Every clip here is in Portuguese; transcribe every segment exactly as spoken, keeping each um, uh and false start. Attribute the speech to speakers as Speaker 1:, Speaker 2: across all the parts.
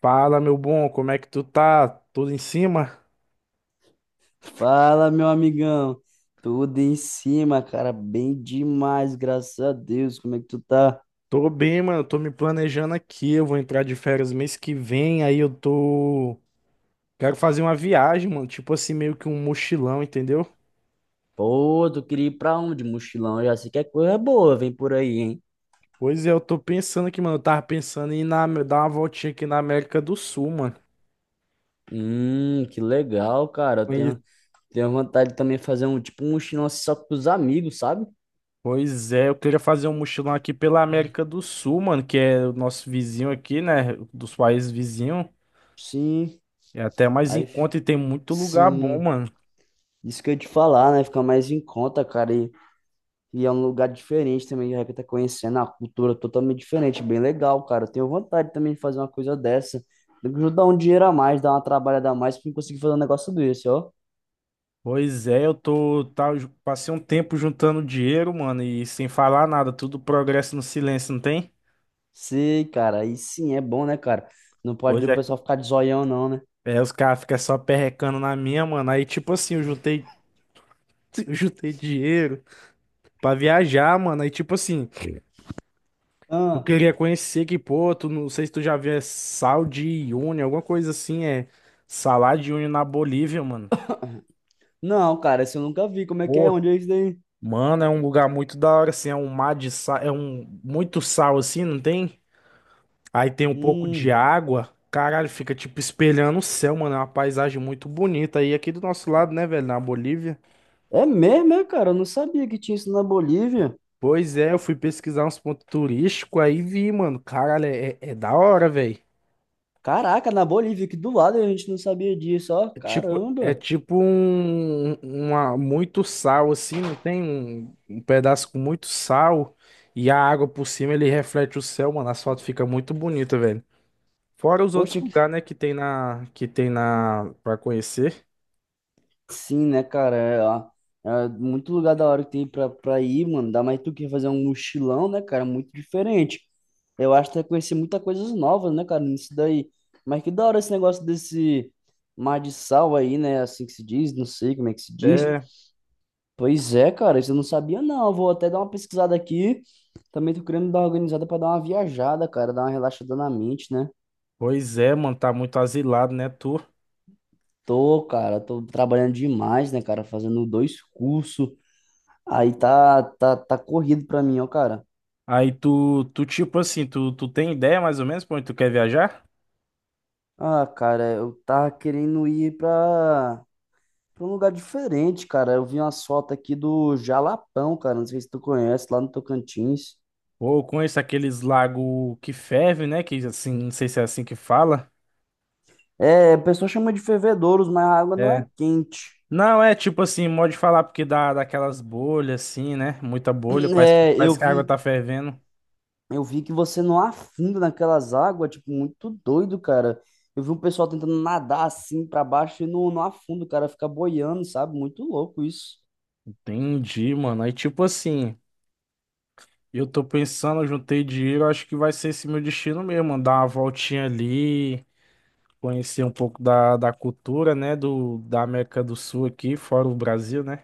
Speaker 1: Fala, meu bom, como é que tu tá? Tudo em cima?
Speaker 2: Fala, meu amigão. Tudo em cima, cara. Bem demais, graças a Deus. Como é que tu tá?
Speaker 1: Tô bem, mano. Tô me planejando aqui. Eu vou entrar de férias mês que vem. Aí eu tô. Quero fazer uma viagem, mano. Tipo assim, meio que um mochilão, entendeu?
Speaker 2: Pô, tu queria ir pra onde, mochilão? Eu já sei que é coisa boa, vem por aí, hein?
Speaker 1: Pois é, eu tô pensando aqui, mano. Eu tava pensando em ir na, dar uma voltinha aqui na América do Sul, mano.
Speaker 2: Hum, que legal, cara. Eu
Speaker 1: Pois
Speaker 2: tenho, tenho vontade de também de fazer um tipo um mochilão assim só com os amigos, sabe?
Speaker 1: pois é, eu queria fazer um mochilão aqui pela América do Sul, mano, que é o nosso vizinho aqui, né? Dos países vizinhos.
Speaker 2: Sim,
Speaker 1: É até mais em
Speaker 2: aí,
Speaker 1: conta e tem muito lugar bom,
Speaker 2: sim.
Speaker 1: mano.
Speaker 2: Isso que eu ia te falar, né? Fica mais em conta, cara. E E é um lugar diferente também, de repente tá conhecendo a cultura totalmente diferente, bem legal, cara. Eu tenho vontade também de fazer uma coisa dessa. Tem que ajudar um dinheiro a mais, dar uma trabalhada a mais pra eu conseguir fazer um negócio desse, ó.
Speaker 1: Pois é, eu tô, tá, ju- passei um tempo juntando dinheiro, mano, e sem falar nada, tudo progresso no silêncio, não tem?
Speaker 2: Sei, cara, aí sim é bom, né, cara? Não pode
Speaker 1: Pois
Speaker 2: o
Speaker 1: é,
Speaker 2: pessoal ficar de zoião, não, né?
Speaker 1: é, os caras ficam só perrecando na minha, mano. Aí, tipo assim, eu juntei, eu juntei dinheiro pra viajar, mano. Aí, tipo assim, eu
Speaker 2: Ah,
Speaker 1: queria conhecer que, pô, tu não sei se tu já viu, é Sal de Uyuni, alguma coisa assim, é Salar de Uyuni na Bolívia, mano.
Speaker 2: não, cara, isso eu nunca vi. Como é que é?
Speaker 1: Pô,
Speaker 2: Onde é isso daí?
Speaker 1: mano, é um lugar muito da hora, assim, é um mar de sal, é um muito sal, assim, não tem? Aí tem um pouco de
Speaker 2: Hum,
Speaker 1: água. Caralho, fica tipo espelhando o céu, mano. É uma paisagem muito bonita, aí aqui do nosso lado, né, velho? Na Bolívia.
Speaker 2: é mesmo, é, cara? Eu não sabia que tinha isso na Bolívia.
Speaker 1: Pois é, eu fui pesquisar uns pontos turísticos aí vi, mano. Caralho, é, é- é da hora, velho.
Speaker 2: Caraca, na Bolívia, aqui do lado a gente não sabia disso, ó.
Speaker 1: É tipo, é
Speaker 2: Caramba.
Speaker 1: tipo um, uma, muito sal, assim, não tem um, um pedaço com muito sal e a água por cima ele reflete o céu, mano. As fotos ficam muito bonita, velho. Fora os outros
Speaker 2: Poxa,
Speaker 1: lugares, né, que tem na, que tem na, pra conhecer.
Speaker 2: sim, né, cara? É, ó, é muito lugar da hora que tem pra, pra ir, mano. Dá mais tu quer fazer um mochilão, né, cara? Muito diferente. Eu acho que vai conhecer muitas coisas novas, né, cara, nisso daí. Mas que da hora esse negócio desse mar de sal aí, né? Assim que se diz, não sei como é que se diz.
Speaker 1: É.
Speaker 2: Pois é, cara, isso eu não sabia, não. Eu vou até dar uma pesquisada aqui. Também tô querendo dar uma organizada pra dar uma viajada, cara, dar uma relaxada na mente, né?
Speaker 1: Pois é, mano, tá muito asilado, né, tu?
Speaker 2: Tô, cara, tô trabalhando demais, né, cara? Fazendo dois cursos. Aí tá, tá, tá corrido pra mim, ó, cara.
Speaker 1: Aí tu, tu tipo assim, tu, tu tem ideia mais ou menos pra onde tu quer viajar?
Speaker 2: Ah, cara, eu tava querendo ir pra, pra um lugar diferente, cara. Eu vi umas fotos aqui do Jalapão, cara. Não sei se tu conhece, lá no Tocantins.
Speaker 1: Ou eu conheço aqueles lagos que ferve, né, que assim, não sei se é assim que fala.
Speaker 2: É, o pessoal chama de fervedouros, mas a água não é
Speaker 1: É.
Speaker 2: quente.
Speaker 1: Não, é tipo assim, modo de falar porque dá daquelas bolhas assim, né? Muita bolha, parece que,
Speaker 2: É, eu
Speaker 1: parece que a água
Speaker 2: vi,
Speaker 1: tá fervendo.
Speaker 2: eu vi que você não afunda naquelas águas, tipo, muito doido, cara. Eu vi um pessoal tentando nadar assim pra baixo e não, não afunda, o cara fica boiando, sabe? Muito louco isso.
Speaker 1: Entendi, mano. Aí tipo assim, eu tô pensando, eu juntei dinheiro, acho que vai ser esse meu destino mesmo, mano, dar uma voltinha ali. Conhecer um pouco da, da cultura, né, do, da América do Sul aqui, fora o Brasil, né?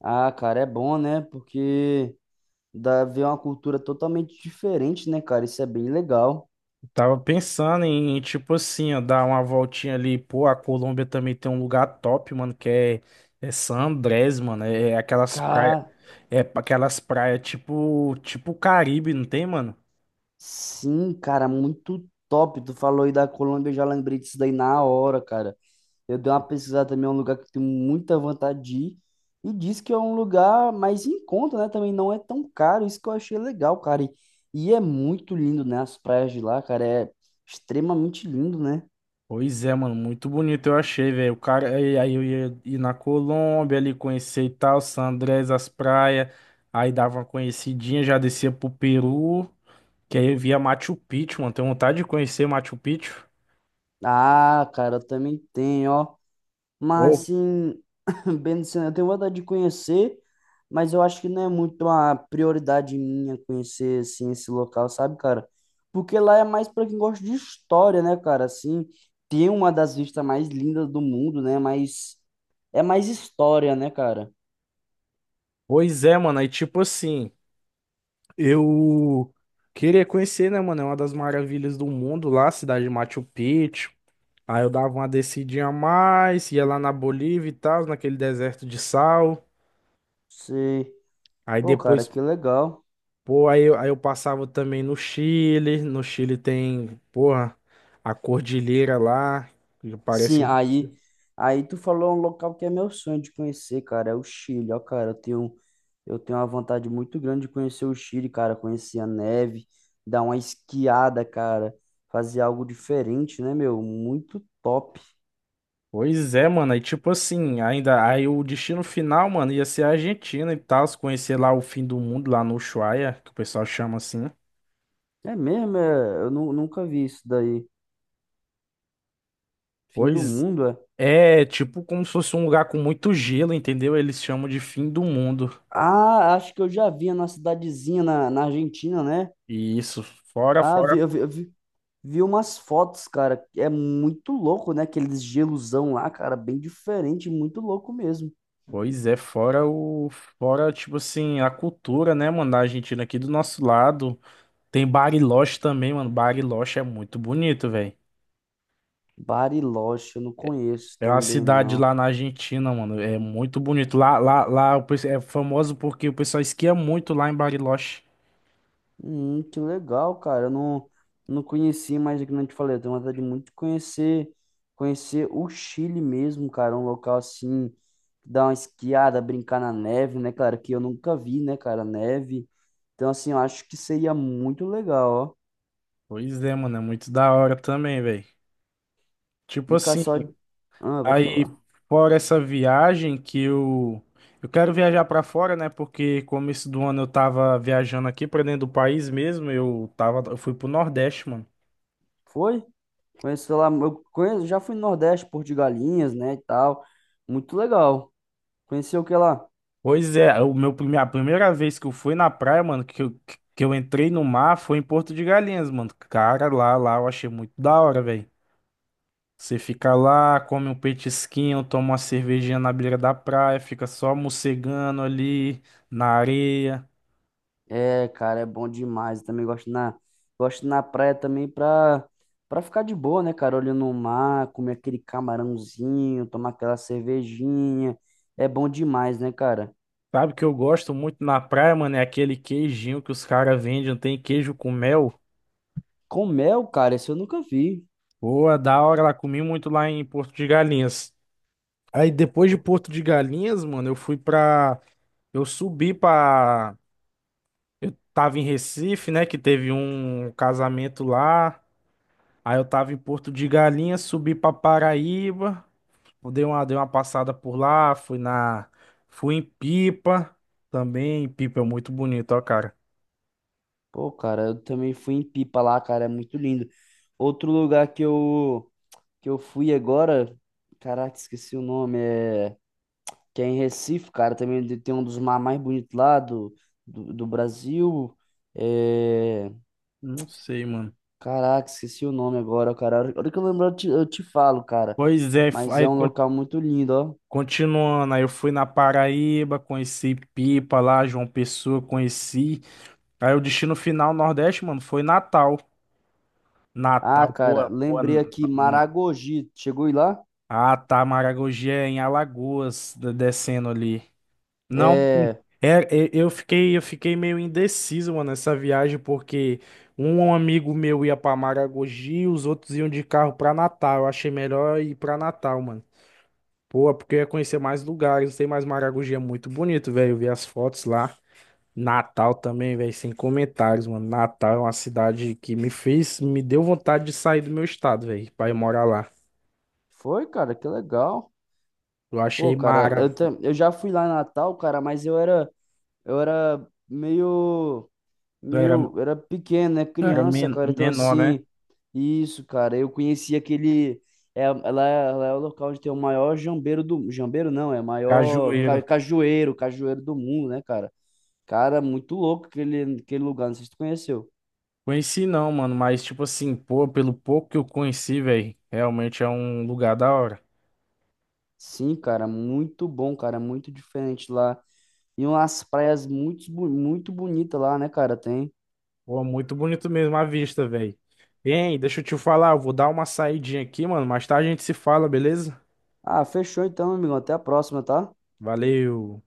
Speaker 2: Ah, cara, é bom, né? Porque. Dá ver uma cultura totalmente diferente, né, cara? Isso é bem legal.
Speaker 1: Tava pensando em, tipo assim, ó, dar uma voltinha ali. Pô, a Colômbia também tem um lugar top, mano, que é, é San Andrés, mano. É é aquelas praias,
Speaker 2: Cara,
Speaker 1: é aquelas praias tipo, tipo Caribe, não tem, mano?
Speaker 2: sim, cara, muito top. Tu falou aí da Colômbia, eu já lembrei disso daí na hora, cara. Eu dei uma pesquisada também, é um lugar que eu tenho muita vontade de ir. E diz que é um lugar mais em conta, né? Também não é tão caro, isso que eu achei legal, cara. E, e é muito lindo, né? As praias de lá, cara, é extremamente lindo, né?
Speaker 1: Pois é, mano, muito bonito eu achei, velho. O cara, aí aí eu ia ir na Colômbia ali, conhecer e tal, San Andrés, as praias. Aí dava uma conhecidinha, já descia pro Peru. Que aí eu via Machu Picchu, mano. Tenho vontade de conhecer Machu Picchu.
Speaker 2: Ah, cara, eu também tenho, ó. Mas
Speaker 1: Pô,
Speaker 2: assim, bem, assim, eu tenho vontade de conhecer, mas eu acho que não é muito uma prioridade minha conhecer assim esse local, sabe, cara? Porque lá é mais para quem gosta de história, né, cara? Assim, tem uma das vistas mais lindas do mundo, né? Mas é mais história, né, cara?
Speaker 1: pois é, mano. Aí, tipo assim, eu queria conhecer, né, mano? É uma das maravilhas do mundo lá, a cidade de Machu Picchu. Aí eu dava uma descidinha a mais, ia lá na Bolívia e tal, naquele deserto de sal.
Speaker 2: Sei.
Speaker 1: Aí
Speaker 2: Pô, cara,
Speaker 1: depois,
Speaker 2: que legal.
Speaker 1: pô, aí, eu- aí eu passava também no Chile. No Chile tem, porra, a cordilheira lá, que parece.
Speaker 2: Sim, aí, aí tu falou um local que é meu sonho de conhecer, cara, é o Chile, ó, cara, eu tenho, eu tenho uma vontade muito grande de conhecer o Chile, cara, conhecer a neve, dar uma esquiada, cara, fazer algo diferente, né, meu? Muito top.
Speaker 1: Pois é, mano. Aí, tipo assim, ainda. Aí o destino final, mano, ia ser a Argentina e tal. Se conhecer lá o fim do mundo, lá no Ushuaia, que o pessoal chama assim.
Speaker 2: É mesmo, é, eu nu- nunca vi isso daí. Fim do
Speaker 1: Pois
Speaker 2: mundo, é?
Speaker 1: é, tipo como se fosse um lugar com muito gelo, entendeu? Eles chamam de fim do mundo.
Speaker 2: Ah, acho que eu já vi na cidadezinha na, na Argentina, né?
Speaker 1: E isso, fora,
Speaker 2: Ah, vi,
Speaker 1: fora.
Speaker 2: eu vi, eu vi, Vi umas fotos, cara, é muito louco, né? Aqueles gelosão lá, cara, bem diferente, muito louco mesmo.
Speaker 1: Pois é, fora o. Fora, tipo assim, a cultura, né, mano, da Argentina aqui do nosso lado. Tem Bariloche também, mano. Bariloche é muito bonito, velho.
Speaker 2: Bariloche, eu não conheço
Speaker 1: É uma
Speaker 2: também,
Speaker 1: cidade
Speaker 2: não.
Speaker 1: lá na Argentina, mano. É muito bonito. Lá, lá, lá o pessoal é famoso porque o pessoal esquia muito lá em Bariloche.
Speaker 2: Hum, que legal, cara, eu não, não conheci, mas é que nem eu te falei, eu tenho vontade muito de conhecer, conhecer o Chile mesmo, cara, um local assim, dar uma esquiada, brincar na neve, né, cara, que eu nunca vi, né, cara, neve. Então, assim, eu acho que seria muito legal, ó.
Speaker 1: Pois é, mano. É muito da hora também, velho. Tipo
Speaker 2: Fica
Speaker 1: assim,
Speaker 2: só... Ah, pode
Speaker 1: aí
Speaker 2: falar.
Speaker 1: fora essa viagem que eu. Eu quero viajar pra fora, né? Porque começo do ano eu tava viajando aqui pra dentro do país mesmo. Eu tava, eu fui pro Nordeste, mano.
Speaker 2: Foi? Conheço lá, eu conheço, já fui no Nordeste, Porto de Galinhas, né, e tal. Muito legal. Conheceu o que lá?
Speaker 1: Pois é, o meu prime- a primeira vez que eu fui na praia, mano, que eu, que eu entrei no mar foi em Porto de Galinhas, mano. Cara, lá, lá eu achei muito da hora, velho. Você fica lá, come um petisquinho, toma uma cervejinha na beira da praia, fica só mocegando ali na areia.
Speaker 2: É, cara, é bom demais. Eu também gosto na, gosto na praia também pra, pra ficar de boa, né, cara? Olhando o mar, comer aquele camarãozinho, tomar aquela cervejinha. É bom demais, né, cara?
Speaker 1: Sabe o que eu gosto muito na praia, mano? É aquele queijinho que os caras vendem, tem queijo com mel.
Speaker 2: Com mel, cara, esse eu nunca vi.
Speaker 1: Pô, é da hora lá, comi muito lá em Porto de Galinhas. Aí depois de
Speaker 2: Pô,
Speaker 1: Porto de Galinhas, mano, eu fui pra. Eu subi pra. Eu tava em Recife, né? Que teve um casamento lá. Aí eu tava em Porto de Galinhas, subi pra Paraíba. Eu dei uma, dei uma passada por lá, fui na, fui em Pipa também. Pipa é muito bonito, ó, cara.
Speaker 2: pô, cara, eu também fui em Pipa lá, cara, é muito lindo. Outro lugar que eu, que eu fui agora, caraca, esqueci o nome, é. Que é em Recife, cara, também de- tem um dos mares mais bonitos lá do, do, do Brasil. É...
Speaker 1: Não sei, mano.
Speaker 2: Caraca, esqueci o nome agora, cara. A hora a hora que eu lembrar, eu te, eu te falo, cara.
Speaker 1: Pois é, f-
Speaker 2: Mas é
Speaker 1: aí
Speaker 2: um
Speaker 1: con-
Speaker 2: local muito lindo, ó.
Speaker 1: continuando, aí eu fui na Paraíba, conheci Pipa lá, João Pessoa, conheci. Aí o destino final Nordeste, mano, foi Natal.
Speaker 2: Ah,
Speaker 1: Natal,
Speaker 2: cara,
Speaker 1: pô, pô.
Speaker 2: lembrei
Speaker 1: n-
Speaker 2: aqui,
Speaker 1: n-
Speaker 2: Maragogi. Chegou aí lá?
Speaker 1: Ah, tá, Maragogi é em Alagoas, de- descendo ali. Não,
Speaker 2: É.
Speaker 1: é, é, eu fiquei, eu fiquei meio indeciso, mano, nessa viagem, porque um amigo meu ia pra Maragogi, os outros iam de carro pra Natal. Eu achei melhor ir pra Natal, mano. Pô, é porque eu ia conhecer mais lugares, tem mais Maragogi, é muito bonito, velho. Eu vi as fotos lá. Natal também, velho, sem comentários, mano. Natal é uma cidade que me fez, me deu vontade de sair do meu estado, velho, pra ir morar lá.
Speaker 2: Foi, cara, que legal.
Speaker 1: Eu achei
Speaker 2: Pô, cara,
Speaker 1: mara.
Speaker 2: eu, tam- eu já fui lá em Natal, cara, mas eu era, eu era meio
Speaker 1: Eu era,
Speaker 2: meu, era pequeno, né?
Speaker 1: eu era
Speaker 2: Criança,
Speaker 1: men-
Speaker 2: cara. Então,
Speaker 1: menor, né?
Speaker 2: assim, isso, cara. Eu conheci aquele. É, ela, é lá é o local onde tem o maior jambeiro do. Jambeiro não, é o maior ca,
Speaker 1: Cajueiro.
Speaker 2: cajueiro, cajueiro do mundo, né, cara? Cara, muito louco aquele, aquele lugar. Não sei se tu conheceu.
Speaker 1: Conheci não, mano, mas tipo assim, pô, pelo pouco que eu conheci, velho, realmente é um lugar da hora.
Speaker 2: Sim, cara, muito bom, cara. Muito diferente lá. E umas praias muito, bu- muito bonitas lá, né, cara? Tem.
Speaker 1: Pô, muito bonito mesmo a vista, velho. Hein, deixa eu te falar, eu vou dar uma saidinha aqui, mano, mais tarde a gente se fala, beleza?
Speaker 2: Ah, fechou então, meu amigo. Até a próxima, tá?
Speaker 1: Valeu.